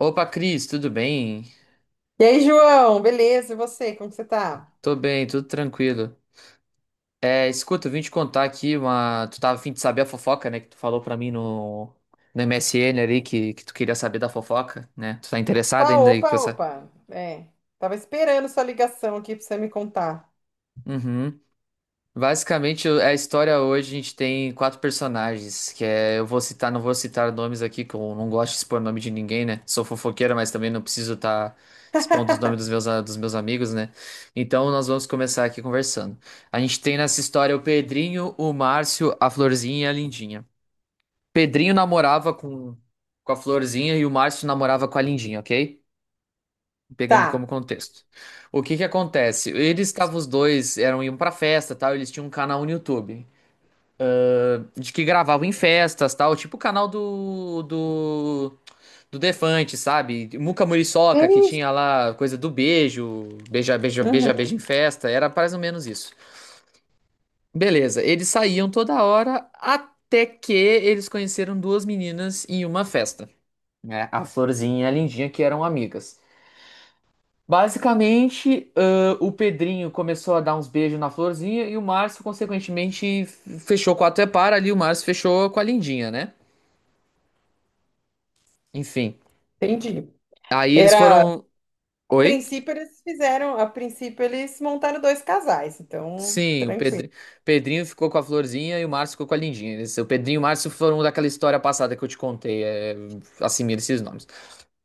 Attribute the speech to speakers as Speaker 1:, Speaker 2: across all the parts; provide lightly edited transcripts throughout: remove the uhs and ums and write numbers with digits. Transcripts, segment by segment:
Speaker 1: Opa, Cris, tudo bem?
Speaker 2: E aí, João, beleza? E você, como que você tá?
Speaker 1: Tô bem, tudo tranquilo. É, escuta, eu vim te contar aqui uma. Tu tava a fim de saber a fofoca, né? Que tu falou pra mim no MSN ali que tu queria saber da fofoca, né? Tu tá interessado
Speaker 2: Opa,
Speaker 1: ainda aí que eu
Speaker 2: opa,
Speaker 1: sa...
Speaker 2: opa. É, tava esperando sua ligação aqui pra você me contar.
Speaker 1: Uhum. Basicamente, a história hoje a gente tem quatro personagens, que é, não vou citar nomes aqui, que eu não gosto de expor nome de ninguém, né? Sou fofoqueiro, mas também não preciso estar expondo os nomes dos meus, a- dos meus amigos, né? Então, nós vamos começar aqui conversando. A gente tem nessa história o Pedrinho, o Márcio, a Florzinha e a Lindinha. Pedrinho namorava com a Florzinha e o Márcio namorava com a Lindinha, ok? Pegando como
Speaker 2: Tá.
Speaker 1: contexto. O que que acontece? Eles estavam os dois, eram iam pra festa, tal, eles tinham um canal no YouTube de que gravavam em festas, tal, tipo o canal do Defante, sabe? Muca
Speaker 2: É
Speaker 1: Muriçoca, que
Speaker 2: isso.
Speaker 1: tinha lá coisa do beijo, beija, beija, beija,
Speaker 2: Uhum,
Speaker 1: beija em festa, era mais ou menos isso. Beleza, eles saíam toda hora até que eles conheceram duas meninas em uma festa, né? A Florzinha e a Lindinha, que eram amigas. Basicamente, o Pedrinho começou a dar uns beijos na Florzinha e o Márcio, consequentemente, fechou com a Tepara ali, o Márcio fechou com a Lindinha, né? Enfim.
Speaker 2: entendi.
Speaker 1: Aí eles
Speaker 2: Era,
Speaker 1: foram.
Speaker 2: a
Speaker 1: Oi?
Speaker 2: princípio eles fizeram, a princípio eles montaram dois casais, então,
Speaker 1: Sim, o
Speaker 2: tranquilo.
Speaker 1: Pedri- Pedrinho ficou com a Florzinha e o Márcio ficou com a Lindinha. O Pedrinho e o Márcio foram daquela história passada que eu te contei. Assimila esses nomes.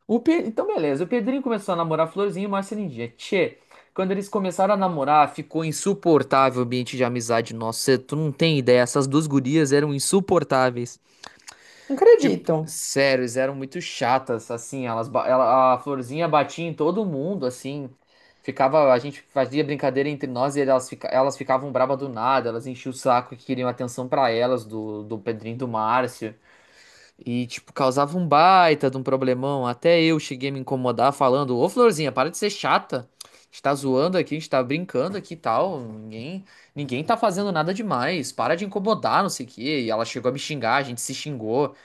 Speaker 1: Então, beleza. O Pedrinho começou a namorar a Florzinha e o Márcio a Lindinha. Tchê, quando eles começaram a namorar, ficou insuportável o ambiente de amizade nosso. Tu não tem ideia. Essas duas gurias eram insuportáveis.
Speaker 2: Não
Speaker 1: Tipo,
Speaker 2: acredito.
Speaker 1: sério, eles eram muito chatas, assim, a florzinha batia em todo mundo, assim, a gente fazia brincadeira entre nós e elas, elas ficavam braba do nada, elas enchiam o saco e queriam atenção pra elas, do Pedrinho e do Márcio, e, tipo, causava um baita de um problemão, até eu cheguei a me incomodar falando, ô florzinha, para de ser chata, a gente tá zoando aqui, a gente tá brincando aqui e tal, ninguém tá fazendo nada demais, para de incomodar, não sei o quê, e ela chegou a me xingar, a gente se xingou,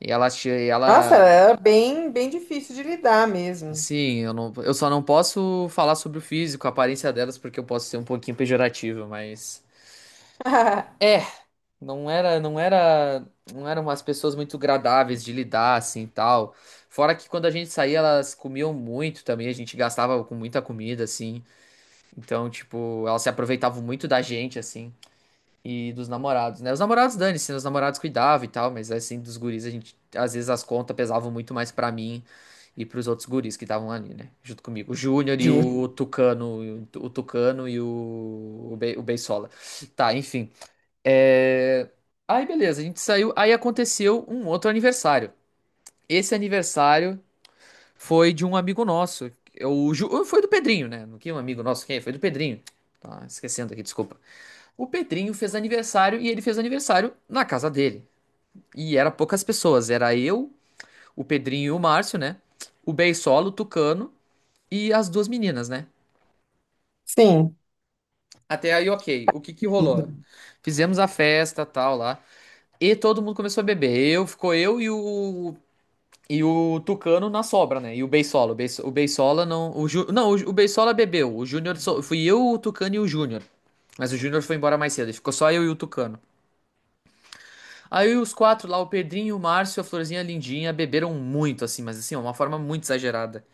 Speaker 1: e ela, che- e
Speaker 2: Nossa,
Speaker 1: ela,
Speaker 2: era bem, bem difícil de lidar mesmo.
Speaker 1: sim, eu só não posso falar sobre o físico, a aparência delas, porque eu posso ser um pouquinho pejorativo, mas é, não era, não era, não eram umas pessoas muito agradáveis de lidar assim, e tal. Fora que quando a gente saía, elas comiam muito também, a gente gastava com muita comida assim. Então, tipo, elas se aproveitavam muito da gente assim. E dos namorados, né? Os namorados, dane-se, né? Os namorados cuidavam e tal, mas é assim, dos guris, a gente, às vezes as contas pesavam muito mais pra mim e pros outros guris que estavam ali, né? Junto comigo. O Júnior e
Speaker 2: Entendi.
Speaker 1: o Tucano e o Beisola. Tá, enfim. É... Aí, beleza, a gente saiu. Aí aconteceu um outro aniversário. Esse aniversário foi de um amigo nosso. Foi do Pedrinho, né? Não que um amigo nosso, quem? É? Foi do Pedrinho. Tá esquecendo aqui, desculpa. O Pedrinho fez aniversário e ele fez aniversário na casa dele. E era poucas pessoas, era eu, o Pedrinho e o Márcio, né? O Beisolo, o Tucano e as duas meninas, né?
Speaker 2: Sim.
Speaker 1: Até aí, ok. O que que rolou? Fizemos a festa, tal, lá. E todo mundo começou a beber. Ficou eu e o Tucano na sobra, né? E o Beisolo, o Beisola não, o Beisola bebeu. Fui eu, o Tucano e o Júnior. Mas o Júnior foi embora mais cedo, e ficou só eu e o Tucano. Aí os quatro lá, o Pedrinho, o Márcio, a Florzinha e a Lindinha, beberam muito, assim, mas assim, ó, uma forma muito exagerada.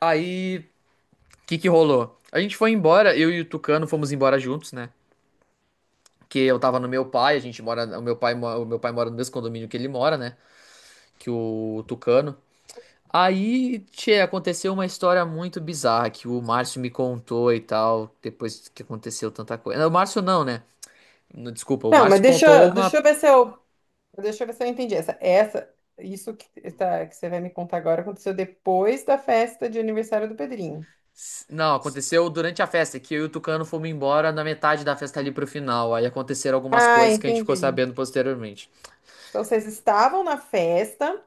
Speaker 1: Aí, o que que rolou? A gente foi embora, eu e o Tucano fomos embora juntos, né? Que eu tava no meu pai, a gente mora, o meu pai, mo- o meu pai mora no mesmo condomínio que ele mora, né? Que o Tucano. Aí, tchê, aconteceu uma história muito bizarra que o Márcio me contou e tal, depois que aconteceu tanta coisa. Não, o Márcio não, né? Não, desculpa, o
Speaker 2: Não, mas
Speaker 1: Márcio
Speaker 2: deixa,
Speaker 1: contou
Speaker 2: deixa
Speaker 1: uma.
Speaker 2: eu ver se eu deixa eu ver se eu entendi. Essa, isso que, tá, que você vai me contar agora aconteceu depois da festa de aniversário do Pedrinho.
Speaker 1: Não, aconteceu durante a festa, é que eu e o Tucano fomos embora na metade da festa ali pro final. Aí aconteceram algumas
Speaker 2: Ah,
Speaker 1: coisas que a gente ficou
Speaker 2: entendi.
Speaker 1: sabendo posteriormente.
Speaker 2: Então vocês estavam na festa,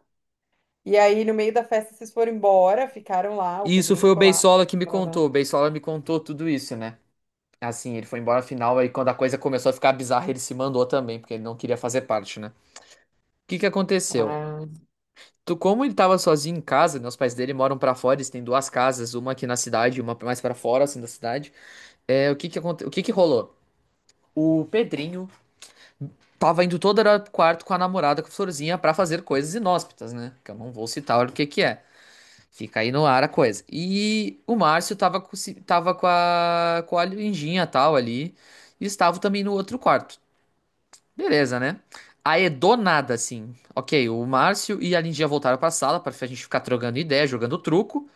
Speaker 2: e aí no meio da festa vocês foram embora, ficaram lá, o
Speaker 1: E isso
Speaker 2: Pedrinho
Speaker 1: foi o
Speaker 2: ficou lá.
Speaker 1: Beisola que me contou. O Beisola me contou tudo isso, né? Assim, ele foi embora final, aí quando a coisa começou a ficar bizarra, ele se mandou também, porque ele não queria fazer parte, né? O que que aconteceu?
Speaker 2: Ah.
Speaker 1: Como ele tava sozinho em casa, né? Os pais dele moram pra fora, eles têm duas casas, uma aqui na cidade e uma mais pra fora, assim, da cidade. É, o que que rolou? O Pedrinho tava indo todo hora pro quarto com a namorada, com a florzinha, pra fazer coisas inóspitas, né? Que eu não vou citar o que que é. Fica aí no ar a coisa. E o Márcio tava com, ci- tava com a Lindinha tal ali. E estava também no outro quarto. Beleza, né? Aí do nada, assim. Ok, o Márcio e a Lindinha voltaram pra sala pra a gente ficar trocando ideia, jogando truco.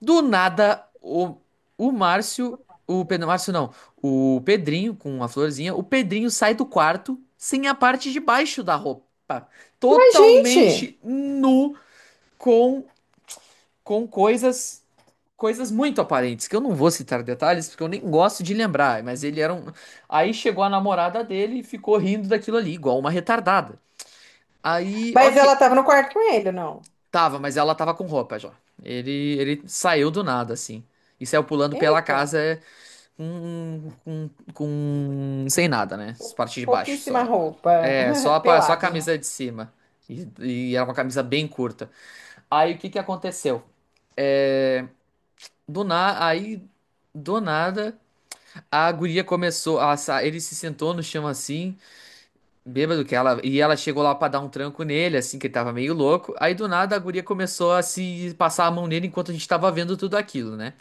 Speaker 1: Do nada, o Márcio. Márcio não. O Pedrinho com a florzinha. O Pedrinho sai do quarto sem a parte de baixo da roupa.
Speaker 2: Mas, gente!
Speaker 1: Totalmente nu com, com coisas. Coisas muito aparentes, que eu não vou citar detalhes, porque eu nem gosto de lembrar, mas ele era um. Aí chegou a namorada dele e ficou rindo daquilo ali, igual uma retardada. Aí,
Speaker 2: Mas ela
Speaker 1: ok.
Speaker 2: tava no quarto com ele, não?
Speaker 1: Tava, mas ela tava com roupa já. Ele saiu do nada, assim. E saiu pulando pela
Speaker 2: Eita,
Speaker 1: casa sem nada, né? As partes de baixo
Speaker 2: pouquíssima
Speaker 1: só.
Speaker 2: roupa,
Speaker 1: É, só a, pa- só a
Speaker 2: pelado.
Speaker 1: camisa de cima. E era uma camisa bem curta. Aí o que que aconteceu? Aí, do nada, a guria começou. Ele se sentou no chão assim, bêbado que ela. E ela chegou lá pra dar um tranco nele, assim, que ele tava meio louco. Aí do nada a guria começou a se passar a mão nele enquanto a gente tava vendo tudo aquilo, né?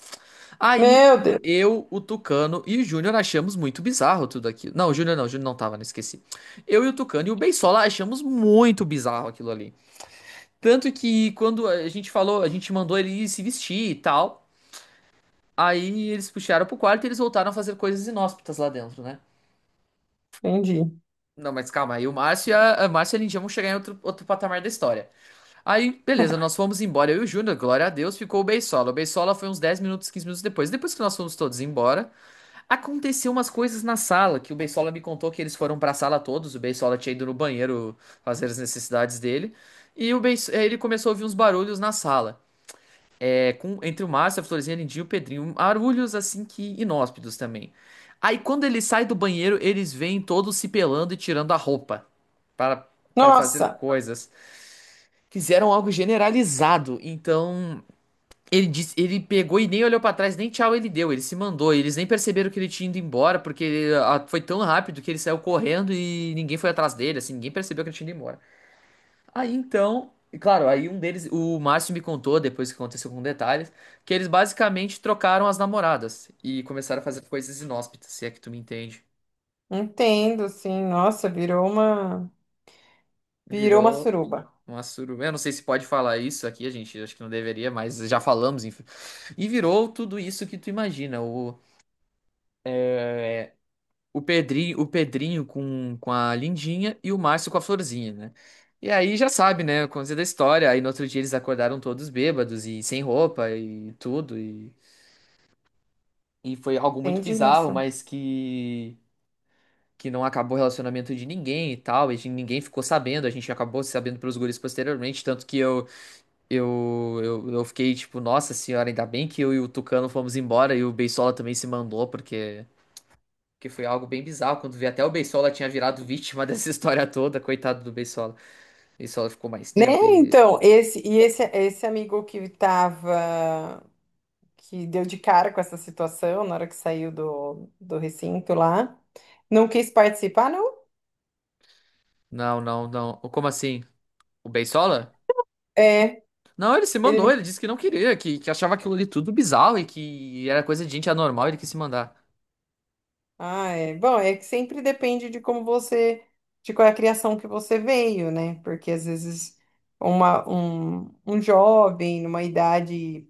Speaker 1: Aí
Speaker 2: Meu Deus,
Speaker 1: eu, o Tucano e o Júnior achamos muito bizarro tudo aquilo. Não, o Júnior não, o Júnior não tava, não esqueci. Eu e o Tucano e o Beisola achamos muito bizarro aquilo ali. Tanto que quando a gente falou, a gente mandou ele se vestir e tal. Aí eles puxaram pro quarto e eles voltaram a fazer coisas inóspitas lá dentro, né?
Speaker 2: entendi.
Speaker 1: Não, mas calma, aí o Márcio e a Lindinha vão chegar em outro patamar da história. Aí, beleza, nós fomos embora, eu e o Júnior, glória a Deus, ficou o Beisola. O Beisola foi uns 10 minutos, 15 minutos depois. Depois que nós fomos todos embora. Aconteceu umas coisas na sala, que o Beisola me contou que eles foram pra sala todos, o Beisola tinha ido no banheiro fazer as necessidades dele, e ele começou a ouvir uns barulhos na sala, entre o Márcio, a Florzinha, a Lindinha e o Pedrinho, barulhos assim que inóspitos também. Aí quando ele sai do banheiro, eles vêm todos se pelando e tirando a roupa para para fazer
Speaker 2: Nossa,
Speaker 1: coisas. Fizeram algo generalizado, então ele disse, ele pegou e nem olhou pra trás, nem tchau ele deu, ele se mandou. Eles nem perceberam que ele tinha ido embora, porque ele, foi tão rápido que ele saiu correndo e ninguém foi atrás dele, assim, ninguém percebeu que ele tinha ido embora. Aí então, e claro, aí um deles, o Márcio me contou, depois que aconteceu com detalhes, que eles basicamente trocaram as namoradas e começaram a fazer coisas inóspitas, se é que tu me entende.
Speaker 2: entendo, sim. Nossa, virou uma
Speaker 1: Virou
Speaker 2: suruba.
Speaker 1: uma suruba. Eu não sei se pode falar isso aqui, a gente acho que não deveria, mas já falamos, enfim. E virou tudo isso que tu imagina, é, o Pedrinho com a Lindinha e o Márcio com a Florzinha, né? E aí já sabe, né? Coisa da história. Aí no outro dia eles acordaram todos bêbados e sem roupa e tudo. E foi algo muito
Speaker 2: Entendi,
Speaker 1: bizarro,
Speaker 2: nossa.
Speaker 1: mas que não acabou o relacionamento de ninguém e tal. E ninguém ficou sabendo. A gente acabou sabendo pelos guris posteriormente. Tanto que eu fiquei tipo, nossa senhora, ainda bem que eu e o Tucano fomos embora e o Beisola também se mandou, porque. Que foi algo bem bizarro, quando vi até o Beisola tinha virado vítima dessa história toda, coitado do Beisola. O Beisola ficou mais
Speaker 2: Né?
Speaker 1: tempo e.
Speaker 2: Então, esse e esse esse amigo que tava que deu de cara com essa situação na hora que saiu do recinto lá, não quis participar, não?
Speaker 1: Não, não, não. Como assim? O Beisola?
Speaker 2: É.
Speaker 1: Não, ele se mandou, ele disse que não queria, que achava aquilo ali tudo bizarro e que era coisa de gente anormal, ele quis se mandar.
Speaker 2: Ah, é. Bom, é que sempre depende de como você, de qual é a criação que você veio, né? Porque às vezes uma um, um jovem numa idade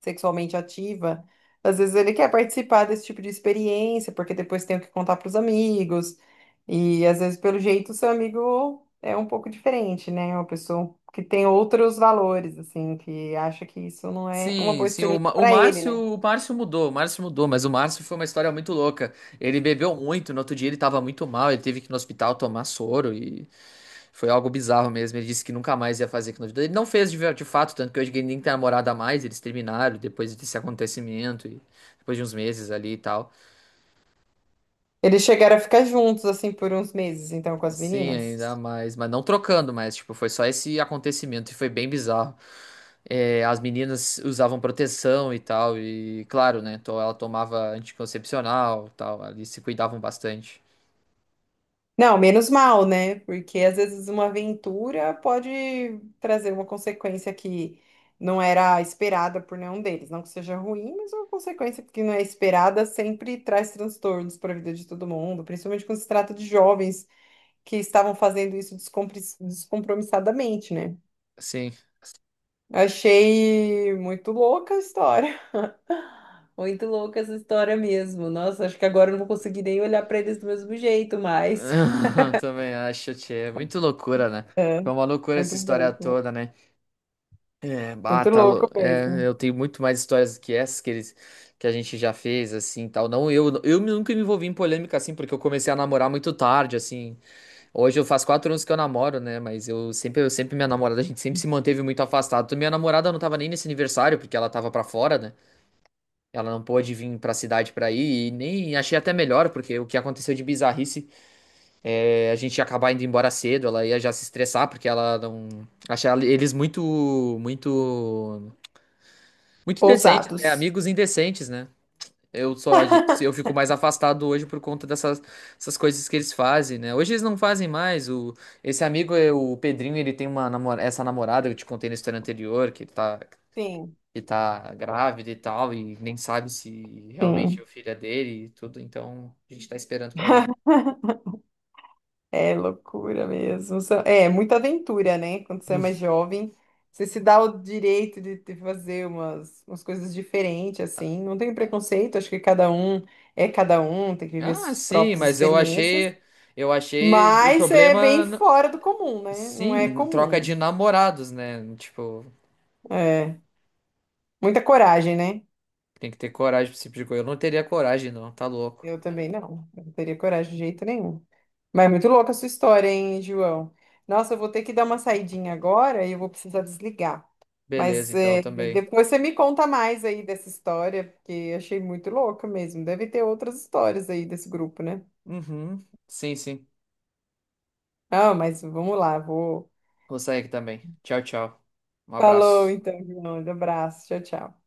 Speaker 2: sexualmente ativa, às vezes ele quer participar desse tipo de experiência, porque depois tem o que contar para os amigos. E às vezes, pelo jeito, o seu amigo é um pouco diferente, né? É uma pessoa que tem outros valores, assim, que acha que isso não é uma
Speaker 1: Sim,
Speaker 2: boa
Speaker 1: sim,
Speaker 2: experiência para ele, né?
Speaker 1: O Márcio mudou, mas o Márcio foi uma história muito louca. Ele bebeu muito, no outro dia ele tava muito mal, ele teve que ir no hospital tomar soro e foi algo bizarro mesmo. Ele disse que nunca mais ia fazer aquilo na vida. Ele não fez de fato, tanto que hoje ele nem tem namorada mais, eles terminaram depois desse acontecimento, e depois de uns meses ali e tal.
Speaker 2: Eles chegaram a ficar juntos, assim, por uns meses, então, com as
Speaker 1: Sim, ainda
Speaker 2: meninas.
Speaker 1: mais. Mas não trocando, mas tipo, foi só esse acontecimento e foi bem bizarro. É, as meninas usavam proteção e tal, e claro, né? Ela tomava anticoncepcional e tal, ali se cuidavam bastante.
Speaker 2: Não, menos mal, né? Porque às vezes uma aventura pode trazer uma consequência que não era esperada por nenhum deles. Não que seja ruim, mas é uma consequência que não é esperada sempre traz transtornos para a vida de todo mundo, principalmente quando se trata de jovens que estavam fazendo isso descompromissadamente, né?
Speaker 1: Sim.
Speaker 2: Achei muito louca a história. Muito louca essa história mesmo. Nossa, acho que agora eu não vou conseguir nem olhar para eles do mesmo jeito mais.
Speaker 1: Também acho, tchê. Muito loucura, né?
Speaker 2: É,
Speaker 1: Foi uma loucura essa
Speaker 2: muito
Speaker 1: história
Speaker 2: bem.
Speaker 1: toda, né? É, bah,
Speaker 2: Muito louco mesmo.
Speaker 1: eu tenho muito mais histórias que essas que a gente já fez, assim, tal. Não, eu nunca me envolvi em polêmica, assim, porque eu comecei a namorar muito tarde, assim. Hoje eu faço 4 anos que eu namoro, né? Mas minha namorada, a gente sempre se manteve muito afastado. Minha namorada não tava nem nesse aniversário, porque ela tava pra fora, né? Ela não pôde vir pra cidade pra ir, e nem achei até melhor, porque o que aconteceu de bizarrice, a gente ia acabar indo embora cedo, ela ia já se estressar, porque ela não. Achava eles muito, muito, muito indecentes, né?
Speaker 2: Ousados.
Speaker 1: Amigos indecentes, né? Se eu fico mais afastado hoje por conta dessas essas coisas que eles fazem, né? Hoje eles não fazem mais. Esse amigo, é o Pedrinho, ele tem uma namora, essa namorada que eu te contei na história anterior, que tá,
Speaker 2: Sim,
Speaker 1: que tá grávida e tal, e nem sabe se realmente
Speaker 2: sim.
Speaker 1: é o filho é dele e tudo, então a gente tá esperando pra ver.
Speaker 2: É loucura mesmo. É muita aventura, né? Quando você é mais jovem, você se dá o direito de fazer umas, umas coisas diferentes, assim. Não tem preconceito, acho que cada um é cada um, tem que viver
Speaker 1: Ah,
Speaker 2: suas
Speaker 1: sim,
Speaker 2: próprias
Speaker 1: mas eu
Speaker 2: experiências.
Speaker 1: achei, eu achei o
Speaker 2: Mas é
Speaker 1: problema,
Speaker 2: bem fora do comum, né? Não é
Speaker 1: sim, troca de
Speaker 2: comum.
Speaker 1: namorados, né? Tipo,
Speaker 2: É. Muita coragem, né?
Speaker 1: tem que ter coragem pra esse tipo de coisa. Eu não teria coragem, não, tá louco.
Speaker 2: Eu também não. Eu não teria coragem de jeito nenhum. Mas é muito louca a sua história, hein, João? Nossa, eu vou ter que dar uma saidinha agora e eu vou precisar desligar.
Speaker 1: Beleza,
Speaker 2: Mas
Speaker 1: então
Speaker 2: é,
Speaker 1: também.
Speaker 2: depois você me conta mais aí dessa história, porque achei muito louca mesmo. Deve ter outras histórias aí desse grupo, né?
Speaker 1: Uhum. Sim, sim.
Speaker 2: Ah, mas vamos lá, vou.
Speaker 1: Vou sair aqui também. Tchau, tchau. Um
Speaker 2: Falou
Speaker 1: abraço.
Speaker 2: então, João. Um abraço. Tchau, tchau.